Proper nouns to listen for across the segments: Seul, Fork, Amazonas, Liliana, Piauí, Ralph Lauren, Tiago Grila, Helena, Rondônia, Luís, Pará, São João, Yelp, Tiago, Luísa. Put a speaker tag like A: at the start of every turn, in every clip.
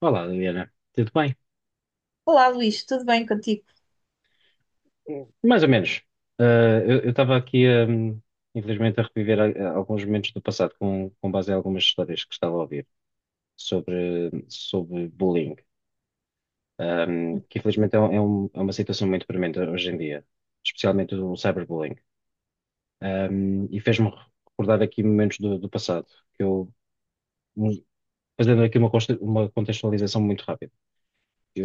A: Olá, Liliana. Tudo bem?
B: Olá, Luís, tudo bem contigo?
A: Hum. Mais ou menos. Eu estava aqui, infelizmente, a reviver a alguns momentos do passado com base em algumas histórias que estava a ouvir sobre, sobre bullying. Que infelizmente é, é é uma situação muito premente hoje em dia, especialmente o cyberbullying. E fez-me recordar aqui momentos do, do passado, que eu, um, fazendo aqui uma, uma contextualização muito rápida.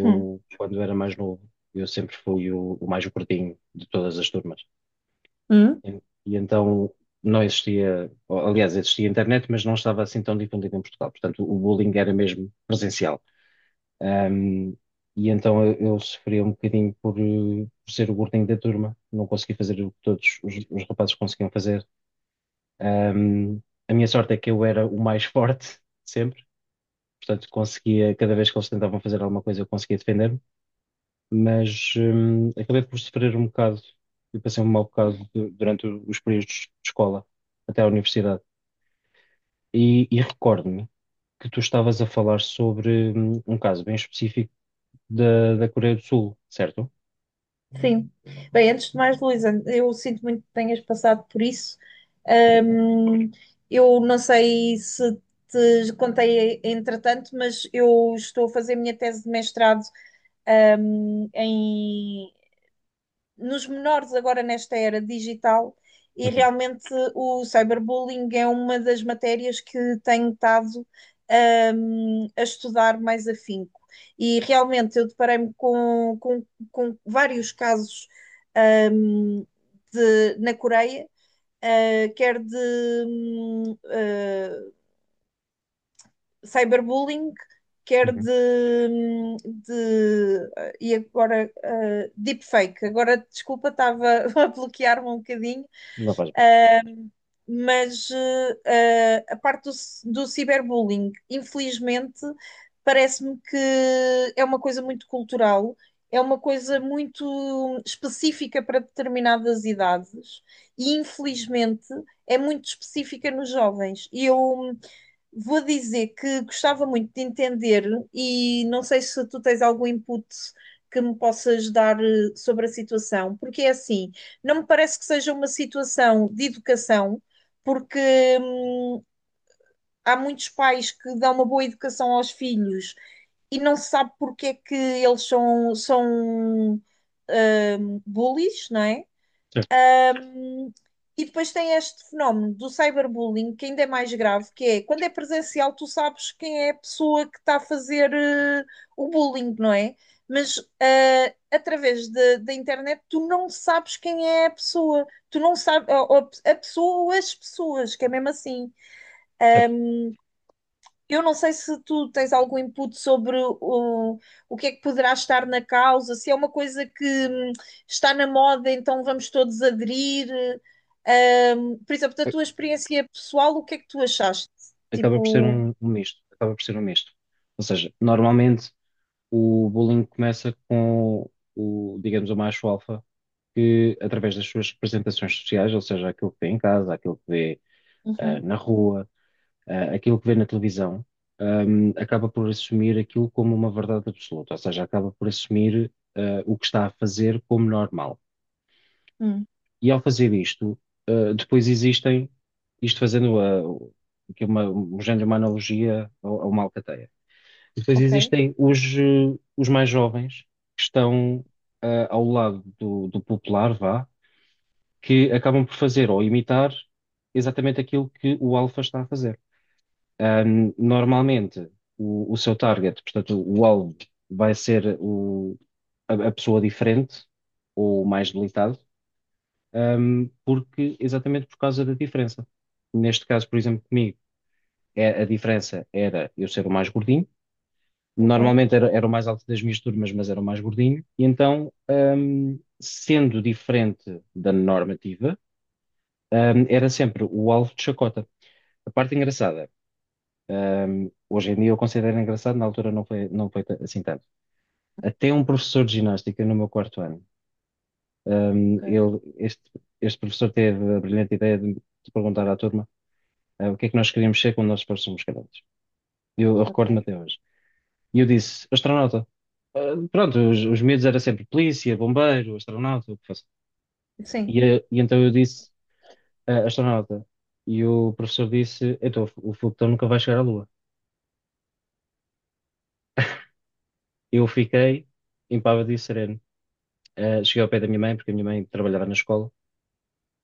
B: Hum.
A: quando era mais novo, eu sempre fui o mais gordinho de todas as turmas.
B: Hum?
A: E então não existia, ou, aliás, existia internet, mas não estava assim tão difundido em Portugal. Portanto, o bullying era mesmo presencial. Ahm, e então eu sofria um bocadinho por, por ser o gordinho da turma, não conseguia fazer o que todos os rapazes conseguiam fazer. Ahm, a minha sorte é que eu era o mais forte sempre, portanto, conseguia, cada vez que eles tentavam fazer alguma coisa, eu conseguia defender-me, mas acabei por sofrer um bocado. Eu passei um mau bocado durante os períodos de escola até à universidade. E recordo-me que tu estavas a falar sobre um caso bem específico da, da Coreia do Sul, certo?
B: Sim. Bem, antes de mais, Luísa, eu sinto muito que tenhas passado por isso.
A: Obrigado.
B: Ahm, eu não sei se te contei entretanto, mas eu estou a fazer a minha tese de mestrado nos menores agora nesta era digital e
A: Uhum,
B: realmente o cyberbullying é uma das matérias que tenho estado a estudar mais afinco. E realmente eu deparei-me com, com vários casos hum, de, na Coreia, quer de hum, uh, cyberbullying, quer
A: uhum.
B: de, e agora deepfake. Agora, desculpa, estava a bloquear-me um bocadinho,
A: Não faz mal.
B: mas a parte do, cyberbullying, infelizmente, parece-me que é uma coisa muito cultural. É uma coisa muito específica para determinadas idades e, infelizmente, é muito específica nos jovens. E eu vou dizer que gostava muito de entender e não sei se tu tens algum input que me possas dar sobre a situação, porque é assim, não me parece que seja uma situação de educação, porque hum, há muitos pais que dão uma boa educação aos filhos e não se sabe porque é que eles são, são bullies, não é?
A: Certo,
B: E depois tem este fenómeno do cyberbullying, que ainda é mais grave, que é quando é presencial, tu sabes quem é a pessoa que está a fazer o bullying, não é? Mas através da internet, tu não sabes quem é a pessoa, tu não sabes, ou a pessoa ou as pessoas, que é mesmo assim.
A: certo.
B: Eu não sei se tu tens algum input sobre o que é que poderá estar na causa, se é uma coisa que está na moda, então vamos todos aderir. Por exemplo, da
A: A-
B: tua experiência pessoal, o que é que tu achaste?
A: Acaba por ser
B: Tipo.
A: um, um misto. Acaba por ser um misto. Ou seja, normalmente o bullying começa com o, digamos, o macho alfa que, através das suas representações sociais, ou seja, aquilo que vê em casa, aquilo que vê
B: Uhum.
A: na rua, aquilo que vê na televisão, acaba por assumir aquilo como uma verdade absoluta, ou seja, acaba por assumir o que está a fazer como normal.
B: Hum.
A: E ao fazer isto, depois existem, isto fazendo que é uma, um género, uma analogia a uma alcateia. Depois
B: Ok.
A: existem os, os mais jovens que estão ao lado do, do popular, vá, que acabam por fazer ou imitar exatamente aquilo que o alfa está a fazer. Normalmente, o seu target, portanto, o alvo, vai ser o, a pessoa diferente ou mais debilitado, porque, exatamente por causa da diferença. Neste caso, por exemplo, comigo, é, a diferença era eu ser o mais gordinho.
B: Ok.
A: Normalmente era, era o mais alto das minhas turmas, mas era o mais gordinho. E então, sendo diferente da normativa, era sempre o alvo de chacota. A parte engraçada hoje em dia eu considero engraçado, na altura não foi, não foi assim tanto. Até um professor de ginástica no meu quarto ano,
B: Ok.
A: ele, este professor teve a brilhante ideia de perguntar à turma, o que é que nós queríamos ser quando nós fôssemos grandes. Eu
B: Ok.
A: recordo-me até hoje. E eu disse, astronauta. Pronto, os medos era sempre polícia, bombeiro, astronauta, o que fosse.
B: Sim.
A: E então eu disse, "Ah, astronauta." E o professor disse, então o foguetão nunca vai chegar à Lua. Eu fiquei impávido e sereno. Cheguei ao pé da minha mãe, porque a minha mãe trabalhava na escola,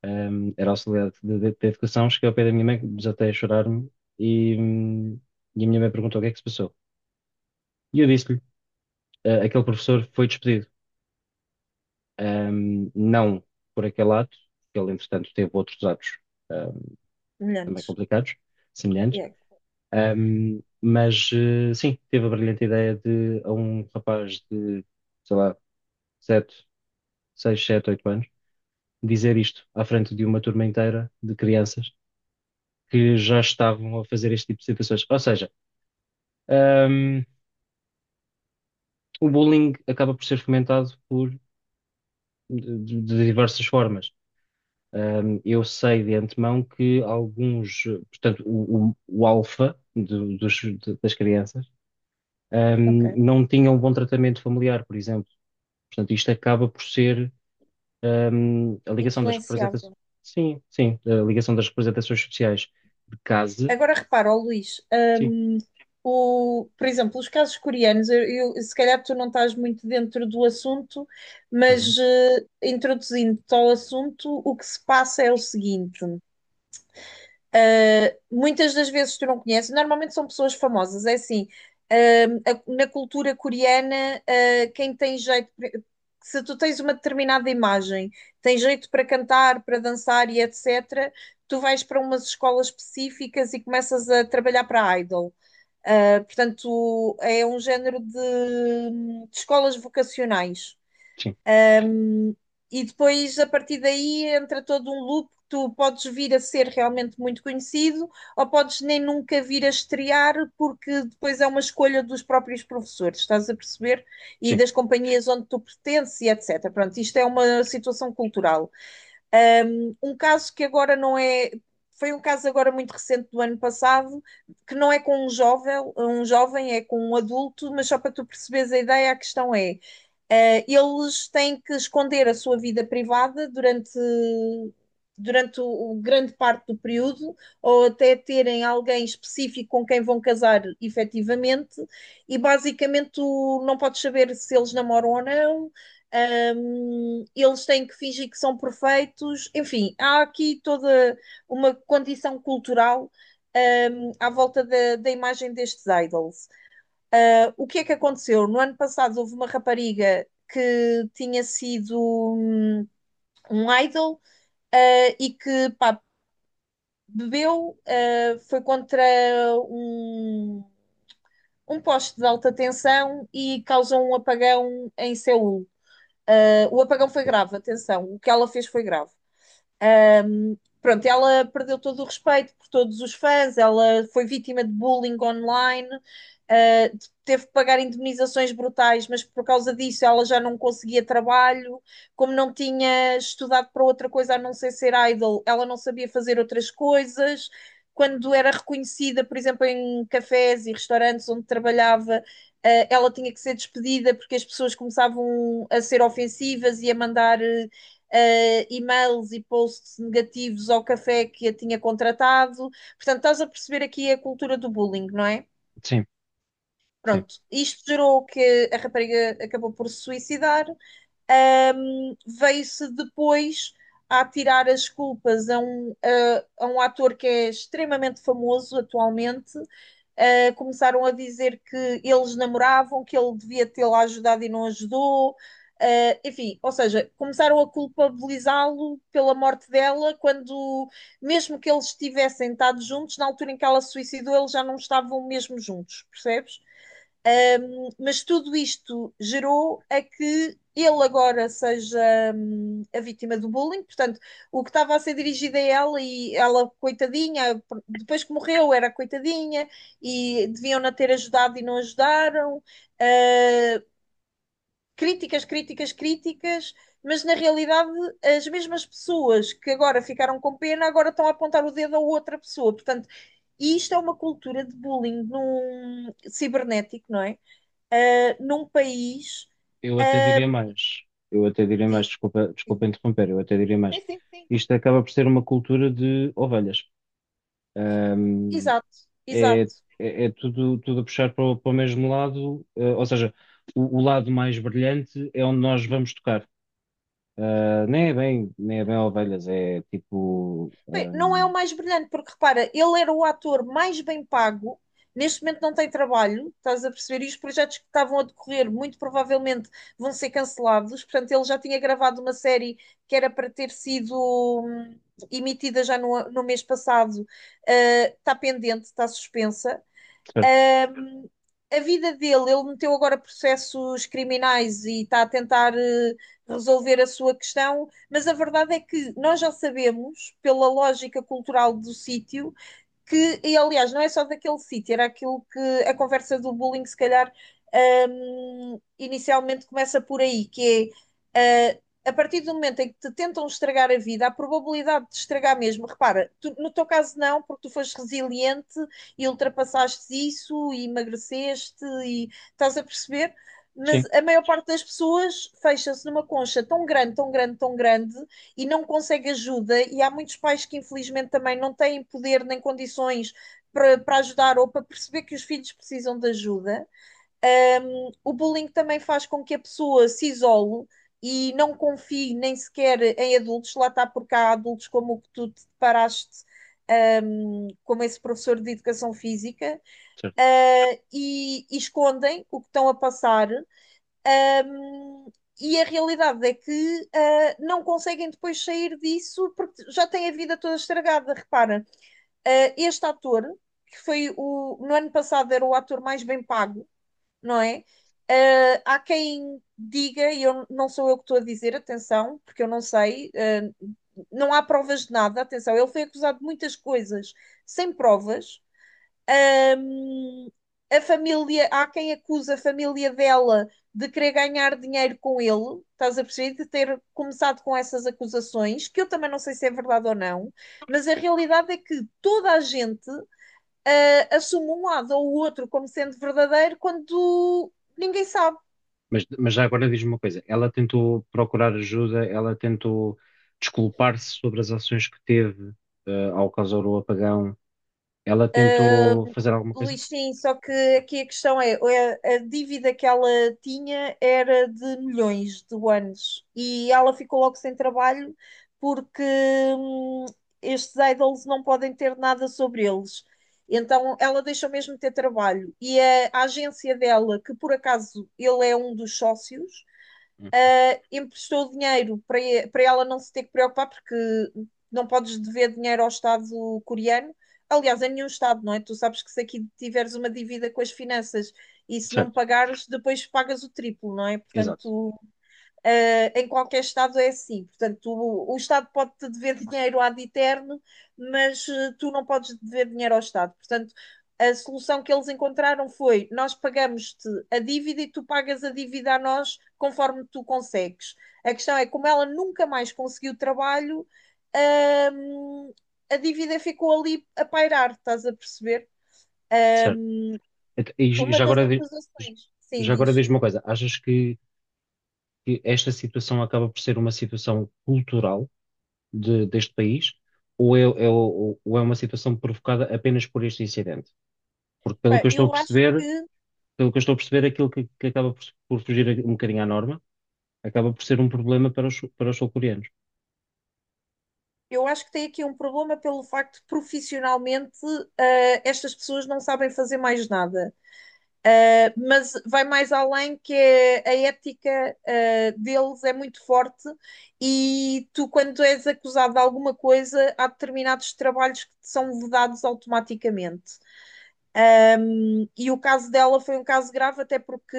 A: era auxiliar de educação. Cheguei ao pé da minha mãe, desatei a chorar-me e, hum, e a minha mãe perguntou o que é que se passou. E eu disse-lhe: "Ah, aquele professor foi despedido." Não por aquele ato, porque ele, entretanto, teve outros atos, ahm, também
B: Semelhantes.
A: complicados, semelhantes.
B: Yeah.
A: Mas, sim, teve a brilhante ideia de, a um rapaz de, sei lá, 7 6 7 8 anos, dizer isto à frente de uma turma inteira de crianças que já estavam a fazer este tipo de situações. Ou seja, um, o bullying acaba por ser fomentado por, de diversas formas. Eu sei de antemão que alguns, portanto, o alfa das crianças
B: Ok.
A: não tinham um bom tratamento familiar, por exemplo. Portanto, isto acaba por ser um, a ligação das representações.
B: Influenciável.
A: Sim, sim, a ligação das representações sociais de casa.
B: Agora repara, ó Luís,
A: Sim,
B: por exemplo, os casos coreanos, se calhar tu não estás muito dentro do assunto,
A: uhum,
B: mas introduzindo-te ao assunto, o que se passa é o seguinte. Muitas das vezes tu não conheces, normalmente são pessoas famosas, é assim. Na cultura coreana, quem tem jeito, se tu tens uma determinada imagem, tem jeito para cantar, para dançar e etc., tu vais para umas escolas específicas e começas a trabalhar para idol. Portanto, é um género de, escolas vocacionais
A: sim,
B: e depois a partir daí entra todo um loop que tu podes vir a ser realmente muito conhecido ou podes nem nunca vir a estrear porque depois é uma escolha dos próprios professores, estás a perceber? E
A: sim,
B: das companhias onde tu pertences e etc. Pronto, isto é uma situação cultural. Um caso que agora não é foi um caso agora muito recente do ano passado, que não é com um jovem é com um adulto, mas só para tu perceberes a ideia, a questão é, eles têm que esconder a sua vida privada durante o grande parte do período, ou até terem alguém específico com quem vão casar efetivamente, e basicamente tu não podes saber se eles namoram ou não. Eles têm que fingir que são perfeitos, enfim, há aqui toda uma condição cultural, à volta da, imagem destes idols. O que é que aconteceu? No ano passado houve uma rapariga que tinha sido um idol e que pá, bebeu, foi contra um, um poste de alta tensão e causou um apagão em Seul. O apagão foi grave, atenção, o que ela fez foi grave. Pronto, ela perdeu todo o respeito por todos os fãs, ela foi vítima de bullying online, teve que pagar indemnizações brutais, mas por causa disso ela já não conseguia trabalho, como não tinha estudado para outra coisa a não ser ser idol, ela não sabia fazer outras coisas. Quando era reconhecida, por exemplo, em cafés e restaurantes onde trabalhava, ela tinha que ser despedida porque as pessoas começavam a ser ofensivas e a mandar e-mails e posts negativos ao café que a tinha contratado. Portanto, estás a perceber aqui a cultura do bullying, não é?
A: sim, sim.
B: Pronto, isto gerou que a rapariga acabou por se suicidar. Veio-se depois a tirar as culpas a um ator que é extremamente famoso atualmente. Começaram a dizer que eles namoravam, que ele devia tê-la ajudado e não ajudou. Enfim, ou seja, começaram a culpabilizá-lo pela morte dela, quando, mesmo que eles tivessem estado juntos, na altura em que ela se suicidou, eles já não estavam mesmo juntos, percebes? Mas tudo isto gerou a que ele agora seja a vítima do bullying, portanto, o que estava a ser dirigido a ela e ela, coitadinha, depois que morreu, era coitadinha e deviam-na ter ajudado e não ajudaram. Uh, Críticas, críticas, críticas, mas na realidade as mesmas pessoas que agora ficaram com pena agora estão a apontar o dedo a outra pessoa, portanto. E isto é uma cultura de bullying num cibernético, não é? Num país.
A: Eu até
B: ah,
A: diria mais. Eu até diria mais,
B: Diz.
A: desculpa,
B: Sim.
A: desculpa interromper, eu até diria mais.
B: Sim, sim, sim.
A: Isto acaba por ser uma cultura de ovelhas. Ahm,
B: Exato,
A: é,
B: exato.
A: é, é tudo, tudo a puxar para o, para o mesmo lado, ou seja, o lado mais brilhante é onde nós vamos tocar. Ah, nem é bem, nem é bem ovelhas, é tipo.
B: Bem, não é o mais brilhante, porque repara, ele era o ator mais bem pago, neste momento não tem trabalho, estás a perceber? E os projetos que estavam a decorrer muito provavelmente vão ser cancelados. Portanto, ele já tinha gravado uma série que era para ter sido hum, emitida já no, mês passado, está pendente, está suspensa.
A: Certo?
B: Ahm, a vida dele, ele meteu agora processos criminais e está a tentar resolver a sua questão, mas a verdade é que nós já sabemos, pela lógica cultural do sítio, que, e aliás, não é só daquele sítio, era aquilo que a conversa do bullying, se calhar, inicialmente começa por aí, que é. A partir do momento em que te tentam estragar a vida, a probabilidade de estragar mesmo, repara, no teu caso não, porque tu foste resiliente e ultrapassaste isso e emagreceste e estás a perceber, mas
A: Sim.
B: a maior parte das pessoas fecha-se numa concha tão grande, tão grande, tão grande, e não consegue ajuda, e há muitos pais que infelizmente também não têm poder nem condições para, ajudar ou para perceber que os filhos precisam de ajuda. O bullying também faz com que a pessoa se isole e não confie nem sequer em adultos, lá está porque há adultos como o que tu te deparaste como esse professor de educação física, e, escondem o que estão a passar, um, e a realidade é que não conseguem depois sair disso porque já têm a vida toda estragada. Repara, este ator, que foi o. No ano passado era o ator mais bem pago, não é? Há quem diga, e eu, não sou eu que estou a dizer, atenção, porque eu não sei, uh, não há provas de nada, atenção, ele foi acusado de muitas coisas sem provas. Ahm, a família, há quem acusa a família dela de querer ganhar dinheiro com ele, estás a perceber? De ter começado com essas acusações, que eu também não sei se é verdade ou não, mas a realidade é que toda a gente assume um lado ou o outro como sendo verdadeiro quando ninguém sabe.
A: Mas já agora diz-me uma coisa: ela tentou procurar ajuda, ela tentou desculpar-se sobre as ações que teve, ao causar o apagão, ela tentou fazer alguma coisa?
B: Luís, sim, só que aqui a questão é, a, dívida que ela tinha era de milhões de anos e ela ficou logo sem trabalho porque estes idols não podem ter nada sobre eles. Então ela deixou mesmo de ter trabalho. E a, agência dela, que por acaso ele é um dos sócios,
A: Uhum.
B: emprestou dinheiro para, ela não se ter que preocupar, porque não podes dever dinheiro ao Estado coreano. Aliás, a nenhum Estado, não é? Tu sabes que se aqui tiveres uma dívida com as finanças e se não
A: Certo,
B: pagares, depois pagas o triplo, não é?
A: exato,
B: Portanto, em qualquer Estado é assim. Portanto, o, Estado pode-te dever dinheiro ad eterno, mas tu não podes dever dinheiro ao Estado. Portanto, a solução que eles encontraram foi: nós pagamos-te a dívida e tu pagas a dívida a nós conforme tu consegues. A questão é, como ela nunca mais conseguiu trabalho, uh, a dívida ficou ali a pairar, estás a perceber? Uh,
A: certo. E,
B: uma
A: já
B: das
A: agora, j-
B: acusações, sim,
A: já
B: diz.
A: agora diz-me uma coisa: achas que esta situação acaba por ser uma situação cultural deste país ou é, ou é uma situação provocada apenas por este incidente? Porque pelo que eu estou a
B: Eu acho
A: perceber.
B: que
A: Pelo que eu estou a perceber, aquilo que acaba por fugir um bocadinho à norma acaba por ser um problema para os sul-coreanos.
B: Eu acho que tem aqui um problema pelo facto de profissionalmente estas pessoas não sabem fazer mais nada. Mas vai mais além que é a ética deles é muito forte e tu, quando és acusado de alguma coisa, há determinados trabalhos que te são vedados automaticamente. Eh, e o caso dela foi um caso grave, até porque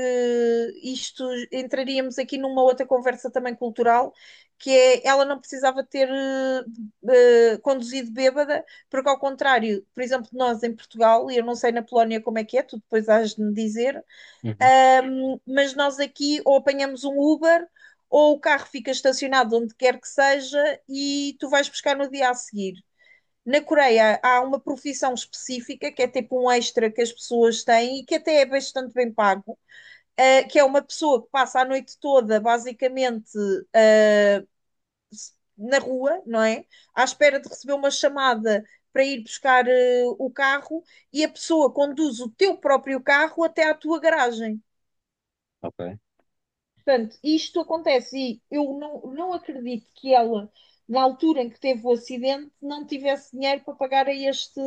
B: isto entraríamos aqui numa outra conversa também cultural, que é ela não precisava ter conduzido bêbada, porque ao contrário, por exemplo, nós em Portugal, e eu não sei na Polónia como é que é, tu depois has de me dizer,
A: Uhum,
B: mas nós aqui ou apanhamos um Uber ou o carro fica estacionado onde quer que seja e tu vais buscar no dia a seguir. Na Coreia há uma profissão específica que é tipo um extra que as pessoas têm e que até é bastante bem pago, que é uma pessoa que passa a noite toda basicamente eh, na rua, não é? À espera de receber uma chamada para ir buscar o carro e a pessoa conduz o teu próprio carro até à tua garagem.
A: ok.
B: Portanto, isto acontece e eu não acredito que ela, na altura em que teve o acidente, não tivesse dinheiro para pagar a este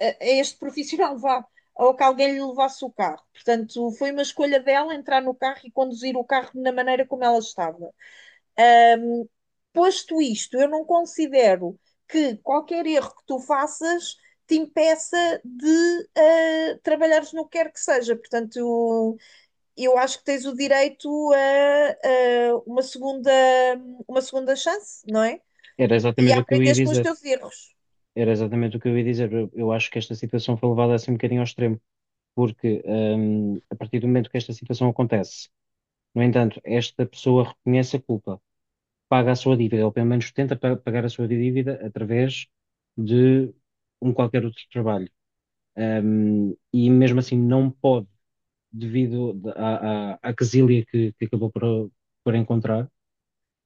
B: a este profissional, vá, ou que alguém lhe levasse o carro. Portanto, foi uma escolha dela entrar no carro e conduzir o carro na maneira como ela estava. Um, Posto isto, eu não considero que qualquer erro que tu faças te impeça de trabalhares no que quer que seja. Portanto, eu acho que tens o direito a uma segunda chance, não é?
A: Era
B: E a
A: exatamente o que eu ia
B: aprenderes com os
A: dizer.
B: teus erros.
A: Era exatamente o que eu ia dizer. Eu acho que esta situação foi levada assim um bocadinho ao extremo, porque a partir do momento que esta situação acontece, no entanto, esta pessoa reconhece a culpa, paga a sua dívida, ou pelo menos tenta pagar a sua dívida através de um qualquer outro trabalho. E mesmo assim não pode, devido à, à, à quesilha que acabou por encontrar.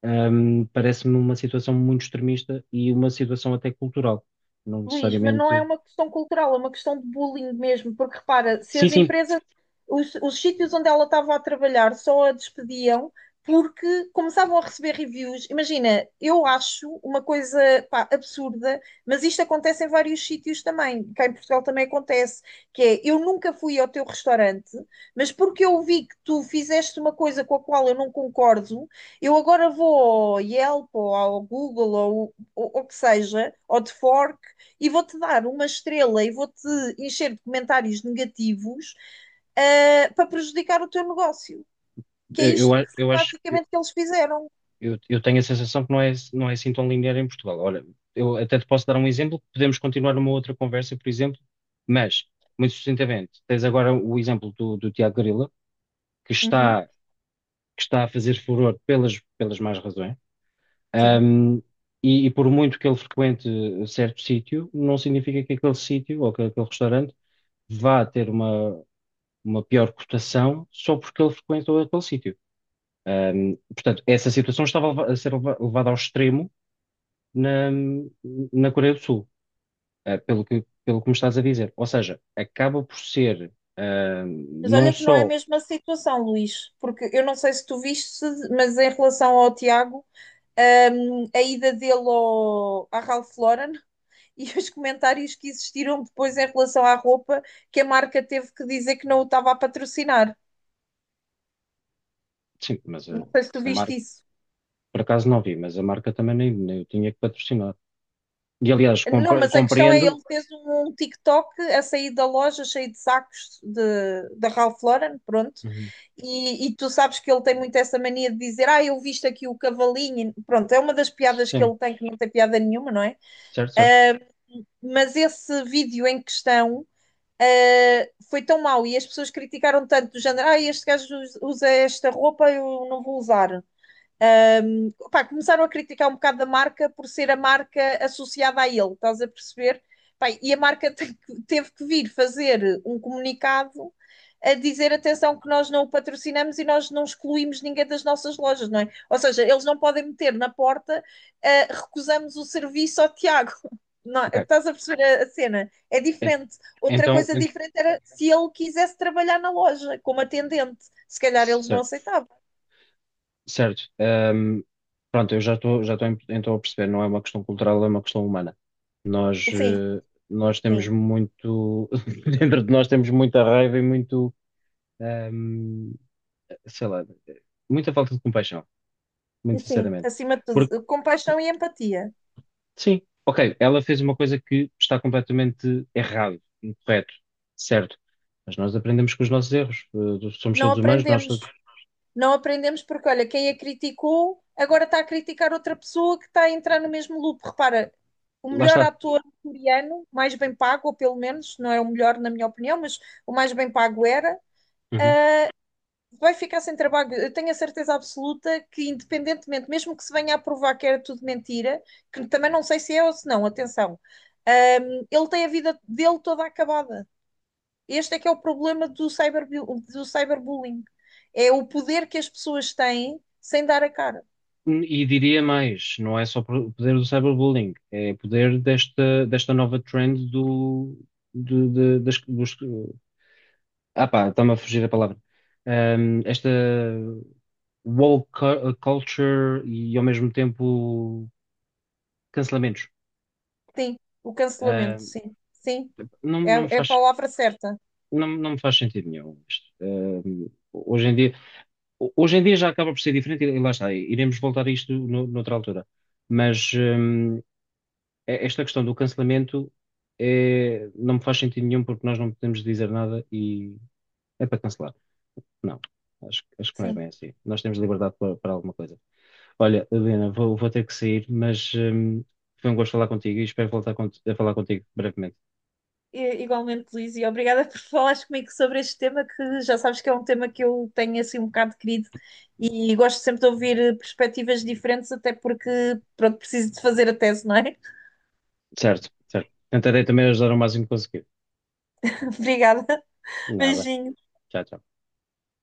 A: Parece-me uma situação muito extremista e uma situação até cultural. Não
B: Luís, mas não é
A: necessariamente.
B: uma questão cultural, é uma questão de bullying mesmo, porque repara, se
A: Sim,
B: as
A: sim,
B: empresas, os sítios onde ela estava a trabalhar só a despediam porque começavam a receber reviews. Imagina, eu acho uma coisa, pá, absurda, mas isto acontece em vários sítios também, cá em Portugal também acontece, que é, eu nunca fui ao teu restaurante, mas porque eu vi que tu fizeste uma coisa com a qual eu não concordo, eu agora vou ao Yelp ou ao Google ou ou o que seja, ou de Fork, e vou-te dar uma estrela e vou-te encher de comentários negativos para prejudicar o teu negócio. Que é
A: eu,
B: isto que
A: eu acho,
B: basicamente que eles fizeram.
A: eu tenho a sensação que não é, não é assim tão linear em Portugal. Olha, eu até te posso dar um exemplo, podemos continuar numa outra conversa, por exemplo, mas, muito sucintamente, tens agora o exemplo do, do Tiago Grila, que
B: Uhum,
A: está, que está a fazer furor pelas, pelas más razões.
B: sim.
A: Ahm, e por muito que ele frequente certo sítio, não significa que aquele sítio ou que aquele restaurante vá ter uma pior cotação só porque ele frequentou aquele sítio. Portanto, essa situação estava a ser levada ao extremo na, na Coreia do Sul, pelo que me estás a dizer. Ou seja, acaba por ser
B: Mas
A: não
B: olha que não é a
A: só.
B: mesma situação, Luís, porque eu não sei se tu viste, mas em relação ao Tiago, a ida dele ao, à Ralph Lauren e os comentários que existiram depois em relação à roupa, que a marca teve que dizer que não o estava a patrocinar.
A: Sim, mas
B: Não sei se tu
A: a
B: viste
A: marca,
B: isso.
A: por acaso não vi, mas a marca também nem, nem eu tinha que patrocinar. E aliás,
B: Não, mas a questão é,
A: compreendo.
B: ele fez um TikTok a sair da loja cheio de sacos de, da Ralph Lauren, pronto.
A: Uhum.
B: E tu sabes que ele tem muito essa mania de dizer, ah, eu visto aqui o cavalinho. Pronto, é uma das piadas que
A: Sim,
B: ele tem, que não tem piada nenhuma, não é?
A: certo, certo.
B: Ah, mas esse vídeo em questão, foi tão mau e as pessoas criticaram tanto do género, ah, este gajo usa esta roupa, eu não vou usar. Pá, começaram a criticar um bocado da marca por ser a marca associada a ele, estás a perceber? Pá, e a marca teve que vir fazer um comunicado a dizer atenção que nós não o patrocinamos e nós não excluímos ninguém das nossas lojas, não é? Ou seja, eles não podem meter na porta recusamos o serviço ao Tiago. Não,
A: Ok.
B: estás a perceber a cena? É
A: Ent-
B: diferente. Outra
A: Então,
B: coisa diferente era se ele quisesse trabalhar na loja como atendente. Se calhar eles não
A: certo.
B: aceitavam.
A: Certo. Pronto, eu já estou, já estou então a perceber, não é uma questão cultural, é uma questão humana. Nós,
B: Sim,
A: nós temos
B: sim.
A: muito, dentro de nós temos muita raiva e muito, ahm, sei lá, muita falta de compaixão,
B: E
A: muito
B: sim,
A: sinceramente.
B: acima de
A: Porque,
B: tudo, compaixão e empatia.
A: sim, ok, ela fez uma coisa que está completamente errado, incorreto, certo. Mas nós aprendemos com os nossos erros. Eh, somos
B: Não
A: todos humanos, nós
B: aprendemos.
A: todos...
B: Não aprendemos porque, olha, quem a criticou agora está a criticar outra pessoa que está a entrar no mesmo loop. Repara, o
A: Lá
B: melhor
A: está.
B: ator coreano, mais bem pago, ou pelo menos, não é o melhor na minha opinião, mas o mais bem pago era,
A: Uhum.
B: vai ficar sem trabalho. Eu tenho a certeza absoluta que, independentemente, mesmo que se venha a provar que era tudo mentira, que também não sei se é ou se não, atenção, ele tem a vida dele toda acabada. Este é que é o problema do, cyber do cyberbullying. É o poder que as pessoas têm sem dar a cara.
A: E diria mais, não é só o poder do cyberbullying, é o poder desta, desta nova trend do, das, dos, ah pá, está-me a fugir a palavra. Esta woke culture e ao mesmo tempo cancelamentos.
B: Sim, o cancelamento,
A: Ahm,
B: sim. Sim,
A: não,
B: é,
A: não me
B: é a
A: faz,
B: palavra certa.
A: não, não me faz sentido nenhum isto. Hoje em dia, hoje em dia já acaba por ser diferente e lá está, iremos voltar a isto no, noutra altura. Mas, esta questão do cancelamento é, não me faz sentido nenhum porque nós não podemos dizer nada e é para cancelar. Não, acho, acho que não é
B: Sim.
A: bem assim. Nós temos liberdade para, para alguma coisa. Olha, Helena, vou, vou ter que sair, mas foi um gosto falar contigo e espero voltar a falar contigo brevemente.
B: Igualmente, Luís, e obrigada por falares comigo sobre este tema, que já sabes que é um tema que eu tenho assim um bocado querido e gosto sempre de ouvir perspectivas diferentes, até porque, pronto, preciso de fazer a tese, não é?
A: Certo, certo. Tentarei também ajudar o máximo que conseguir.
B: Obrigada.
A: Nada.
B: Beijinho.
A: Tchau, tchau.